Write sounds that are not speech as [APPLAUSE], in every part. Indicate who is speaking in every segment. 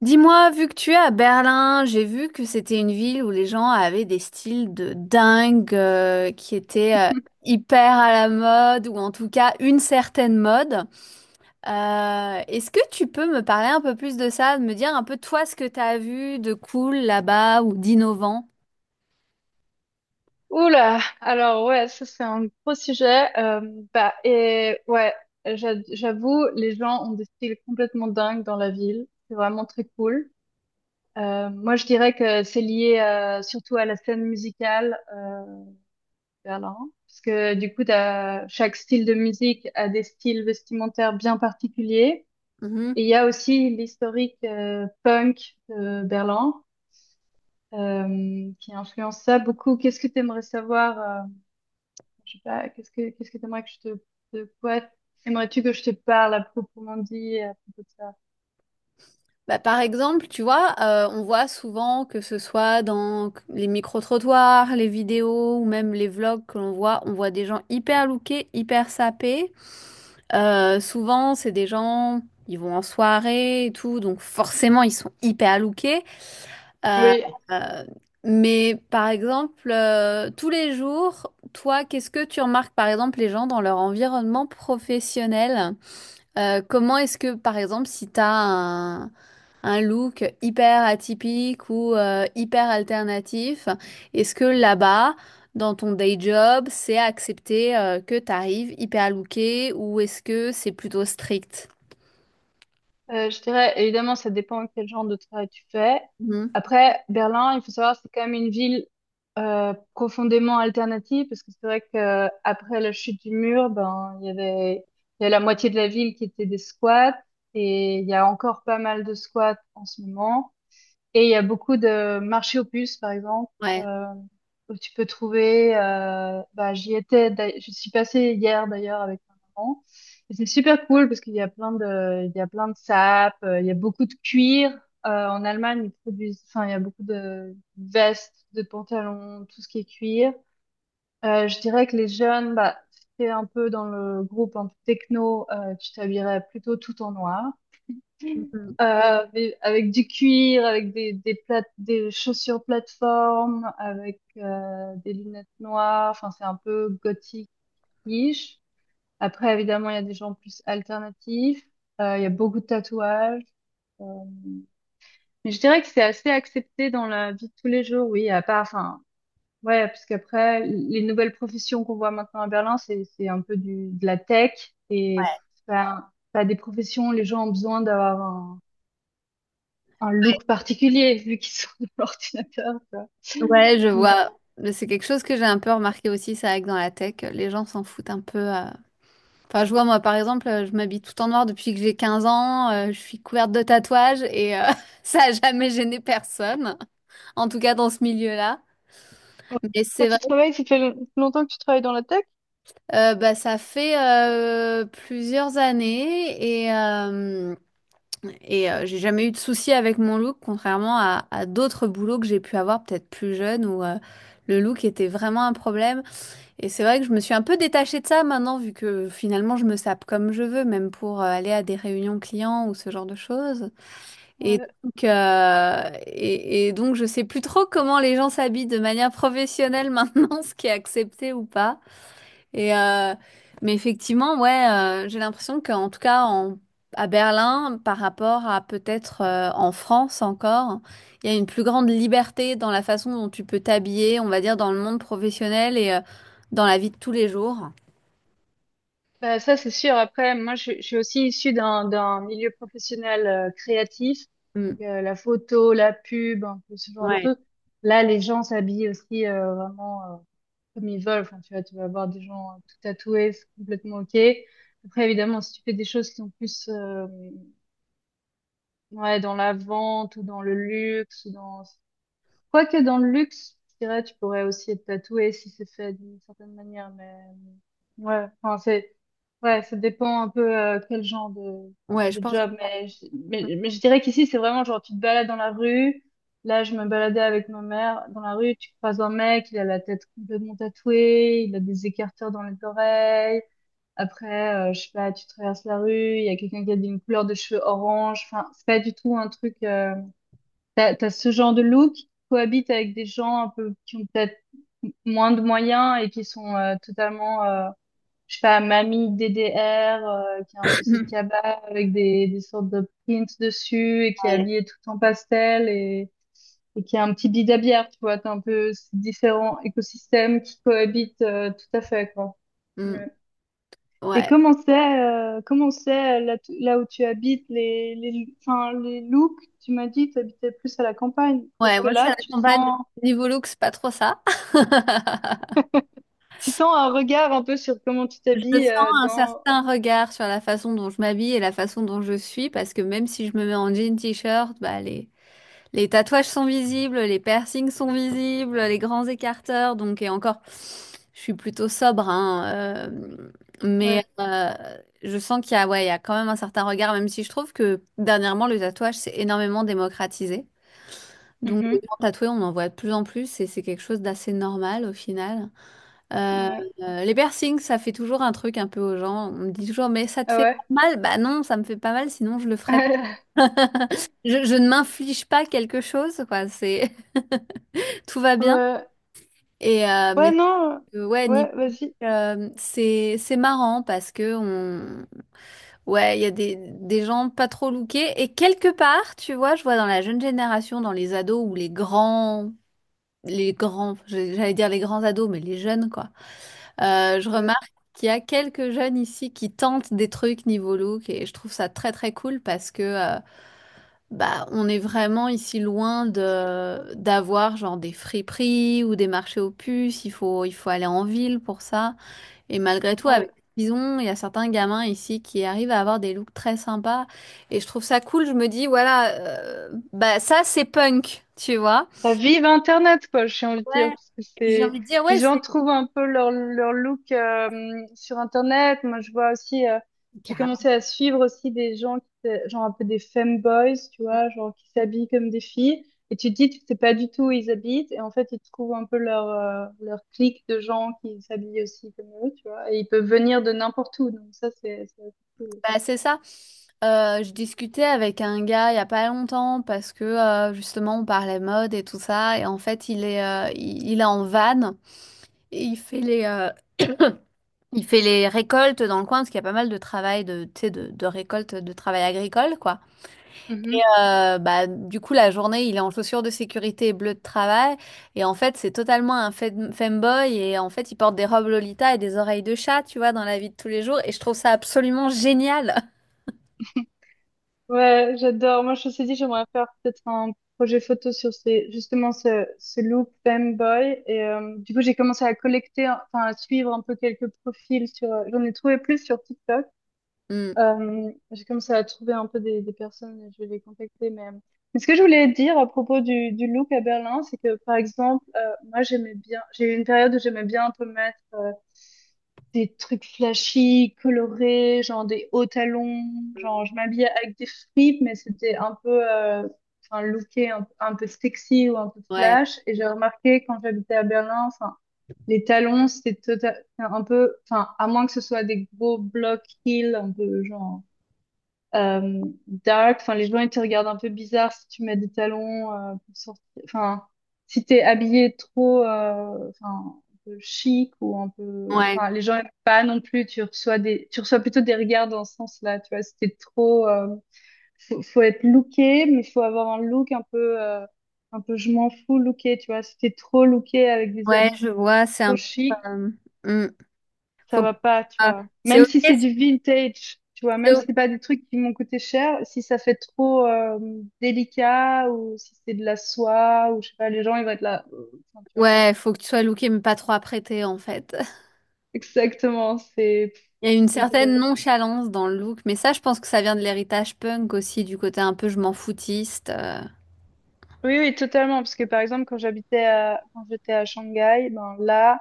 Speaker 1: Dis-moi, vu que tu es à Berlin, j'ai vu que c'était une ville où les gens avaient des styles de dingue, qui étaient hyper à la mode ou en tout cas une certaine mode. Est-ce que tu peux me parler un peu plus de ça, de me dire un peu toi ce que tu as vu de cool là-bas ou d'innovant?
Speaker 2: Oula, alors ouais, ça c'est un gros sujet. Bah et ouais, j'avoue, les gens ont des styles complètement dingues dans la ville. C'est vraiment très cool. Moi, je dirais que c'est lié surtout à la scène musicale de Berlin, parce que du coup, chaque style de musique a des styles vestimentaires bien particuliers. Et
Speaker 1: Mhm.
Speaker 2: il y a aussi l'historique punk de Berlin qui influence ça beaucoup. Qu'est-ce que tu aimerais savoir? Je sais pas, qu'est-ce que t'aimerais que je te de quoi aimerais-tu que je te parle à proprement dit à propos de ça?
Speaker 1: Bah, par exemple, tu vois, on voit souvent que ce soit dans les micro-trottoirs, les vidéos ou même les vlogs que l'on voit, on voit des gens hyper lookés, hyper sapés. Souvent, c'est des gens, ils vont en soirée et tout, donc forcément, ils sont hyper lookés. Euh,
Speaker 2: Oui,
Speaker 1: euh, mais par exemple, tous les jours, toi, qu'est-ce que tu remarques, par exemple, les gens dans leur environnement professionnel? Comment est-ce que, par exemple, si t'as un look hyper atypique ou hyper alternatif, est-ce que là-bas, dans ton day job, c'est accepté que t'arrives hyper looké ou est-ce que c'est plutôt strict?
Speaker 2: je dirais évidemment ça dépend quel genre de travail tu fais.
Speaker 1: Mhm.
Speaker 2: Après, Berlin, il faut savoir c'est quand même une ville profondément alternative, parce que c'est vrai que après la chute du mur, ben il y a la moitié de la ville qui était des squats, et il y a encore pas mal de squats en ce moment. Et il y a beaucoup de marchés aux puces, par exemple,
Speaker 1: Ouais.
Speaker 2: euh, où tu peux trouver. Bah, j'y étais, je suis passée hier d'ailleurs avec ma maman. Et c'est super cool parce qu'il y a plein de sapes, il y a beaucoup de cuir. En Allemagne, ils produisent, enfin, il y a beaucoup de vestes, de pantalons, tout ce qui est cuir. Je dirais que les jeunes, bah, si t'es un peu dans le groupe un peu techno, tu t'habillerais plutôt tout en noir.
Speaker 1: Mhm.
Speaker 2: Avec du cuir, avec des chaussures plateforme, avec des lunettes noires. Enfin, c'est un peu gothique-ish. Après, évidemment, il y a des gens plus alternatifs. Il y a beaucoup de tatouages. Euh, Mais je dirais que c'est assez accepté dans la vie de tous les jours, oui. À part, enfin, ouais, parce qu'après, les nouvelles professions qu'on voit maintenant à Berlin, c'est un peu du de la tech, et c'est pas des professions où les gens ont besoin d'avoir un look particulier vu qu'ils sont [LAUGHS] de l'ordinateur. Tu
Speaker 1: Ouais, je
Speaker 2: Mais
Speaker 1: vois. Mais c'est quelque chose que j'ai un peu remarqué aussi, c'est vrai que dans la tech, les gens s'en foutent un peu. Enfin, je vois, moi, par exemple, je m'habille tout en noir depuis que j'ai 15 ans, je suis couverte de tatouages et [LAUGHS] ça a jamais gêné personne, en tout cas dans ce milieu-là.
Speaker 2: Ouais.
Speaker 1: Mais
Speaker 2: Toi,
Speaker 1: c'est vrai,
Speaker 2: tu travailles, ça fait longtemps que tu travailles dans la tech?
Speaker 1: bah, ça fait plusieurs années et j'ai jamais eu de soucis avec mon look, contrairement à d'autres boulots que j'ai pu avoir peut-être plus jeune où le look était vraiment un problème. Et c'est vrai que je me suis un peu détachée de ça maintenant, vu que finalement je me sape comme je veux, même pour aller à des réunions clients ou ce genre de choses. Et
Speaker 2: Ouais,
Speaker 1: donc, euh, et, et donc je sais plus trop comment les gens s'habillent de manière professionnelle maintenant, [LAUGHS] ce qui est accepté ou pas. Et euh, mais effectivement, ouais, j'ai l'impression qu'en tout cas à Berlin, par rapport à peut-être en France encore, il y a une plus grande liberté dans la façon dont tu peux t'habiller, on va dire, dans le monde professionnel et dans la vie de tous les jours.
Speaker 2: bah ça c'est sûr. Après, moi je suis aussi issue d'un milieu professionnel créatif,
Speaker 1: Mm.
Speaker 2: donc la photo, la pub, un peu ce genre de
Speaker 1: Ouais.
Speaker 2: choses. Là, les gens s'habillent aussi vraiment comme ils veulent. Enfin, tu vois, tu vas avoir des gens tout tatoués, c'est complètement ok. Après, évidemment, si tu fais des choses qui sont plus ouais, dans la vente ou dans le luxe ou dans Quoique dans le luxe, je dirais, tu pourrais aussi être tatoué si c'est fait d'une certaine manière, mais ouais, enfin, c'est, ouais, ça dépend un peu quel genre de,
Speaker 1: Ouais, je
Speaker 2: de
Speaker 1: pense que.
Speaker 2: job, mais je dirais qu'ici, c'est vraiment genre, tu te balades dans la rue, là, je me baladais avec ma mère dans la rue, tu croises un mec, il a la tête complètement tatouée, il a des écarteurs dans les oreilles, après, je sais pas, tu traverses la rue, il y a quelqu'un qui a une couleur de cheveux orange, enfin, c'est pas du tout un truc, t'as ce genre de look qui cohabite avec des gens un peu qui ont peut-être moins de moyens et qui sont totalement, je sais pas, mamie DDR, qui a un peu ses
Speaker 1: [COUGHS]
Speaker 2: cabas avec des sortes de prints dessus et qui
Speaker 1: [CLEARS THROAT]
Speaker 2: est
Speaker 1: Ouais.
Speaker 2: habillée tout en pastel et qui a un petit bidabière, tu vois. T'as un peu ces différents écosystèmes qui cohabitent tout à fait, quoi.
Speaker 1: Mm.
Speaker 2: Ouais. Et
Speaker 1: Ouais.
Speaker 2: comment c'est, là, là où tu habites, enfin, les looks, tu m'as dit que tu habitais plus à la campagne. Est-ce
Speaker 1: Ouais,
Speaker 2: que
Speaker 1: moi je suis
Speaker 2: là,
Speaker 1: à la
Speaker 2: tu
Speaker 1: campagne, donc
Speaker 2: sens,
Speaker 1: niveau look, c'est pas trop ça. [LAUGHS]
Speaker 2: tu sens un regard un peu sur comment tu
Speaker 1: Je
Speaker 2: t'habilles
Speaker 1: sens un
Speaker 2: dans...
Speaker 1: certain regard sur la façon dont je m'habille et la façon dont je suis, parce que même si je me mets en jean t-shirt, bah les tatouages sont visibles, les piercings sont visibles, les grands écarteurs, donc et encore, je suis plutôt sobre, hein, mais
Speaker 2: Ouais.
Speaker 1: je sens qu'il y a, ouais, il y a quand même un certain regard, même si je trouve que dernièrement le tatouage s'est énormément démocratisé. Donc les
Speaker 2: Mhm.
Speaker 1: gens tatoués, on en voit de plus en plus et c'est quelque chose d'assez normal au final. Euh,
Speaker 2: Ouais.
Speaker 1: les piercings, ça fait toujours un truc un peu aux gens. On me dit toujours, mais ça te
Speaker 2: Ah
Speaker 1: fait
Speaker 2: ouais.
Speaker 1: pas mal? Bah non, ça me fait pas mal, sinon je le ferais.
Speaker 2: [LAUGHS]
Speaker 1: [LAUGHS] Je ne m'inflige pas quelque chose, quoi. C'est, [LAUGHS] tout va bien.
Speaker 2: Ouais. Ouais,
Speaker 1: Mais
Speaker 2: non.
Speaker 1: ouais, niveau
Speaker 2: Ouais, vas-y.
Speaker 1: c'est marrant parce que on ouais, il y a des gens pas trop lookés. Et quelque part, tu vois, je vois dans la jeune génération, dans les ados ou les grands, j'allais dire les grands ados, mais les jeunes, quoi. Je
Speaker 2: Ouais.
Speaker 1: remarque qu'il y a quelques jeunes ici qui tentent des trucs niveau look et je trouve ça très très cool parce que bah, on est vraiment ici loin de d'avoir genre des friperies ou des marchés aux puces. Il faut aller en ville pour ça. Et malgré tout,
Speaker 2: Ouais.
Speaker 1: avec Bison, il y a certains gamins ici qui arrivent à avoir des looks très sympas. Et je trouve ça cool. Je me dis voilà, bah ça c'est punk, tu vois.
Speaker 2: Bah, vive Internet, quoi, j'ai envie de dire,
Speaker 1: Ouais.
Speaker 2: parce que
Speaker 1: Et puis j'ai
Speaker 2: c'est,
Speaker 1: envie de dire
Speaker 2: les
Speaker 1: ouais,
Speaker 2: gens
Speaker 1: c'est
Speaker 2: trouvent un peu leur look sur Internet. Moi, je vois aussi, j'ai commencé à suivre aussi des gens genre un peu des femboys, tu vois, genre qui s'habillent comme des filles. Et tu te dis, tu sais pas du tout où ils habitent, et en fait, ils trouvent un peu leur, leur clique de gens qui s'habillent aussi comme eux, tu vois, et ils peuvent venir de n'importe où, donc ça, c'est assez
Speaker 1: bah, c'est ça. Je discutais avec un gars il y a pas longtemps parce que justement on parlait mode et tout ça et en fait il est en van. Et il fait [COUGHS] [CLEARS THROAT] il fait les récoltes dans le coin parce qu'il y a pas mal de travail de, tu sais, de récolte, de travail agricole, quoi.
Speaker 2: cool.
Speaker 1: Bah, du coup, la journée, il est en chaussures de sécurité et bleu de travail. Et en fait, c'est totalement un femboy. Et en fait, il porte des robes Lolita et des oreilles de chat, tu vois, dans la vie de tous les jours. Et je trouve ça absolument génial. [LAUGHS]
Speaker 2: Ouais, j'adore. Moi, je me suis dit, j'aimerais faire peut-être un projet photo sur justement, ce look femboy. Et du coup, j'ai commencé à collecter, enfin, à suivre un peu quelques profils sur, j'en ai trouvé plus sur TikTok.
Speaker 1: Hmm.
Speaker 2: J'ai commencé à trouver un peu des personnes et je vais les contacter. Mais ce que je voulais dire à propos du look à Berlin, c'est que, par exemple, moi, j'aimais bien, j'ai eu une période où j'aimais bien un peu mettre des trucs flashy, colorés, genre des hauts talons, genre je m'habillais avec des fripes, mais c'était un peu, enfin, looké un peu sexy ou un peu
Speaker 1: Ouais,
Speaker 2: flash. Et j'ai remarqué quand j'habitais à Berlin, enfin, les talons, c'était enfin, un peu, enfin, à moins que ce soit des gros blocs heels, un peu genre euh, dark. Enfin, les gens, ils te regardent un peu bizarre si tu mets des talons pour sortir. Enfin, si t'es habillé trop, enfin, un peu chic ou un peu.
Speaker 1: ouais,
Speaker 2: Enfin, les gens aiment pas non plus. Tu reçois tu reçois plutôt des regards dans ce sens-là. Tu vois, si t'es trop, faut être looké, mais faut avoir un look un peu je m'en fous looké. Tu vois, si t'es trop looké avec des
Speaker 1: ouais,
Speaker 2: habits
Speaker 1: je vois. C'est un
Speaker 2: trop
Speaker 1: peu.
Speaker 2: chics,
Speaker 1: euh, hmm.
Speaker 2: ça
Speaker 1: Faut que-
Speaker 2: va pas, tu
Speaker 1: ah,
Speaker 2: vois.
Speaker 1: c'est
Speaker 2: Même
Speaker 1: ok.
Speaker 2: si
Speaker 1: si
Speaker 2: c'est du vintage, tu vois,
Speaker 1: t'es
Speaker 2: même
Speaker 1: au-
Speaker 2: si c'est pas des trucs qui m'ont coûté cher, si ça fait trop délicat ou si c'est de la soie ou je sais pas, les gens ils vont être là. Enfin, tu vois.
Speaker 1: Ouais, faut que tu sois looké, mais pas trop apprêté, en fait.
Speaker 2: Exactement, c'est
Speaker 1: Il y a une
Speaker 2: donc
Speaker 1: certaine nonchalance dans le look, mais ça, je pense que ça vient de l'héritage punk aussi, du côté un peu je m'en foutiste.
Speaker 2: oui oui totalement, parce que par exemple quand j'étais à Shanghai, ben là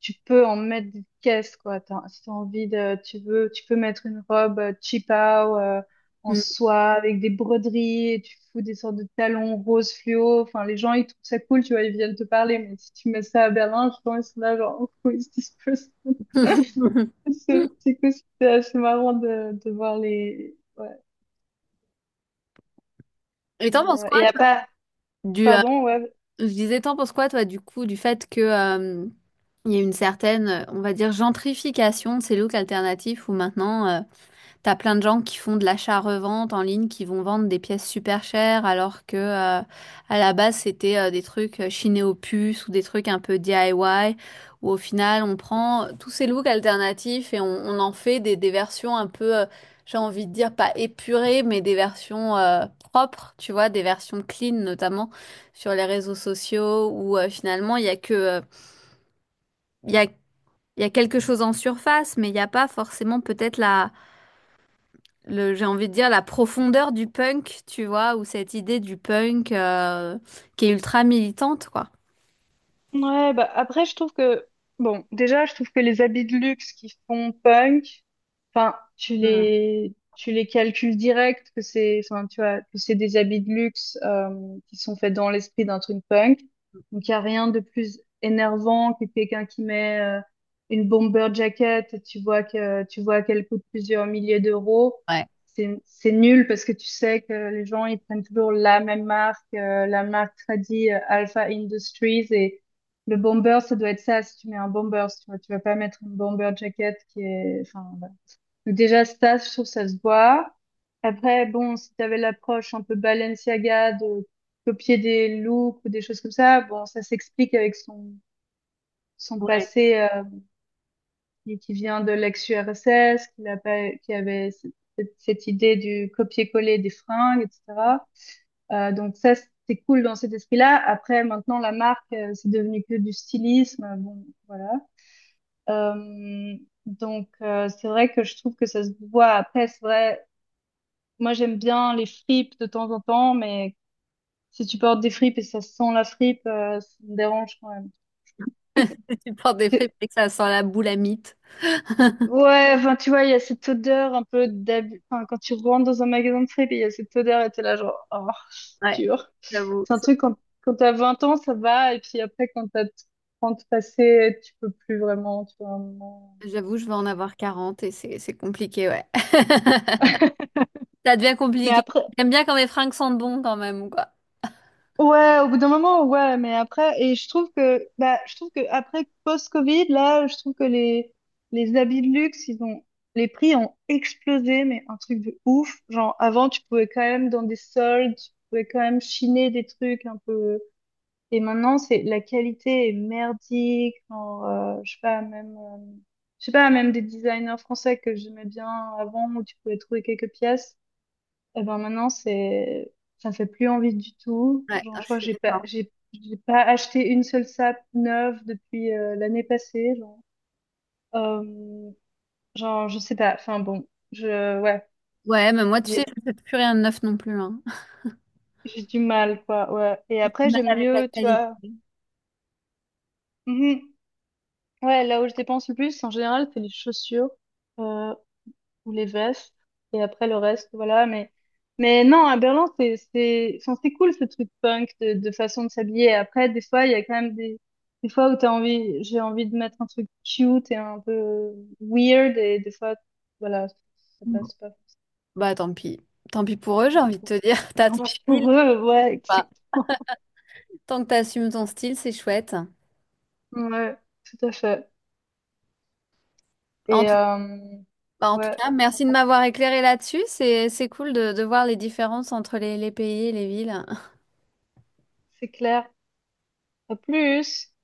Speaker 2: tu peux en mettre des caisses, quoi. Si t'as envie de, tu veux, tu peux mettre une robe cheapao en
Speaker 1: Mm.
Speaker 2: soie avec des broderies et tu fous des sortes de talons roses fluo. Enfin, les gens, ils trouvent ça cool, tu vois, ils viennent te parler. Mais si tu mets ça à Berlin, je pense, ils sont là, genre, [LAUGHS] who is this person? [LAUGHS]
Speaker 1: [LAUGHS]
Speaker 2: C'est cool, c'est assez marrant de voir ouais.
Speaker 1: Et t'en penses quoi,
Speaker 2: Et à
Speaker 1: toi,
Speaker 2: part,
Speaker 1: du, euh,
Speaker 2: pardon, ouais,
Speaker 1: je disais, t'en penses quoi, toi, du coup, du fait que, il y a une certaine, on va dire, gentrification de ces looks alternatifs où maintenant, t'as plein de gens qui font de l'achat-revente en ligne, qui vont vendre des pièces super chères, alors que à la base c'était des trucs chinés aux puces ou des trucs un peu DIY, où au final on prend tous ces looks alternatifs et on en fait des versions un peu, j'ai envie de dire pas épurées, mais des versions propres, tu vois, des versions clean notamment sur les réseaux sociaux, où finalement il y a que, il y a quelque chose en surface, mais il n'y a pas forcément peut-être j'ai envie de dire la profondeur du punk, tu vois, ou cette idée du punk qui est ultra militante, quoi.
Speaker 2: ouais, bah après, bon, déjà, je trouve que les habits de luxe qui font punk, enfin, tu
Speaker 1: Hmm.
Speaker 2: les, tu les calcules direct, que c'est, enfin, tu vois, que c'est des habits de luxe, qui sont faits dans l'esprit d'un truc punk. Donc, il n'y a rien de plus énervant que quelqu'un qui met, une bomber jacket et tu vois qu'elle coûte plusieurs milliers d'euros.
Speaker 1: Ouais,
Speaker 2: C'est nul parce que tu sais que les gens, ils prennent toujours la même marque, la marque tradie, Alpha Industries, et le bomber, ça doit être ça, si tu mets un bomber, si tu vois, tu vas pas mettre une bomber jacket qui est, enfin, voilà. Donc déjà, ça, je trouve ça se voit. Après, bon, si t'avais l'approche un peu Balenciaga de copier des looks ou des choses comme ça, bon, ça s'explique avec son passé, qui vient de l'ex-URSS, qu'il a pas, qui avait cette idée du copier-coller des fringues, etc. Donc ça, c'est cool dans cet esprit-là. Après, maintenant, la marque, c'est devenu que du stylisme. Bon, voilà. Euh, donc, c'est vrai que je trouve que ça se voit. Après, c'est vrai, moi, j'aime bien les fripes de temps en temps, mais si tu portes des fripes et ça sent la fripe, ça me dérange quand même.
Speaker 1: [LAUGHS] tu portes des fripes
Speaker 2: C'est-
Speaker 1: et que ça sent la boule à mythe.
Speaker 2: Ouais, enfin, tu vois, il y a cette odeur un peu d'abus. Enfin, quand tu rentres dans un magasin de fripes, il y a cette odeur et t'es là, genre, oh, c'est
Speaker 1: Ouais,
Speaker 2: dur.
Speaker 1: j'avoue.
Speaker 2: C'est un truc, quand t'as 20 ans, ça va, et puis après, quand t'as 30 passé, tu peux plus vraiment, tu vois, à un moment.
Speaker 1: J'avoue, je vais en avoir quarante et c'est compliqué, ouais. [LAUGHS] Ça devient
Speaker 2: Mais
Speaker 1: compliqué.
Speaker 2: après,
Speaker 1: J'aime bien quand mes fringues sentent bon quand même, quoi.
Speaker 2: ouais, au bout d'un moment, ouais, mais après, et bah, je trouve que après post-Covid, là, je trouve que les habits de luxe, ils ont, les prix ont explosé, mais un truc de ouf. Genre, avant, tu pouvais quand même, dans des soldes, tu pouvais quand même chiner des trucs un peu, et maintenant, c'est, la qualité est merdique, genre, je sais pas, même des designers français que j'aimais bien avant, où tu pouvais trouver quelques pièces, et ben maintenant, c'est, ça me fait plus envie du tout.
Speaker 1: Ouais,
Speaker 2: Genre,
Speaker 1: ah,
Speaker 2: je
Speaker 1: je
Speaker 2: crois que
Speaker 1: suis
Speaker 2: j'ai pas,
Speaker 1: d'accord.
Speaker 2: j'ai, j'ai pas acheté une seule sape neuve depuis l'année passée. Genre. Euh, genre, je sais pas. Enfin bon, ouais,
Speaker 1: Ouais, mais moi, tu
Speaker 2: j'ai,
Speaker 1: sais, je ne fais plus rien de neuf non plus, hein.
Speaker 2: j'ai du mal, quoi. Ouais. Et
Speaker 1: J'ai du
Speaker 2: après,
Speaker 1: mal
Speaker 2: j'aime
Speaker 1: avec la
Speaker 2: mieux, tu
Speaker 1: qualité.
Speaker 2: vois. Mhm. Ouais, là où je dépense le plus, en général, c'est les chaussures. Euh, ou les vestes, et après le reste, voilà. Mais non, à Berlin, c'est enfin, c'est cool ce truc punk de façon de s'habiller. Après, des fois, il y a quand même des fois où t'as envie j'ai envie de mettre un truc cute et un peu weird, et des fois voilà, ça passe pas.
Speaker 1: Bah, tant pis. Tant pis pour eux, j'ai envie de te dire. [LAUGHS] T'as
Speaker 2: Tant
Speaker 1: ton
Speaker 2: pis
Speaker 1: style.
Speaker 2: pour eux, ouais, [LAUGHS] exactement,
Speaker 1: Tant que tu assumes ton style, c'est chouette.
Speaker 2: ouais, tout à fait.
Speaker 1: En
Speaker 2: Et
Speaker 1: tout, Bah, en tout
Speaker 2: ouais,
Speaker 1: cas, merci de m'avoir éclairé là-dessus. C'est cool de voir les différences entre les pays et les villes.
Speaker 2: c'est clair. À plus.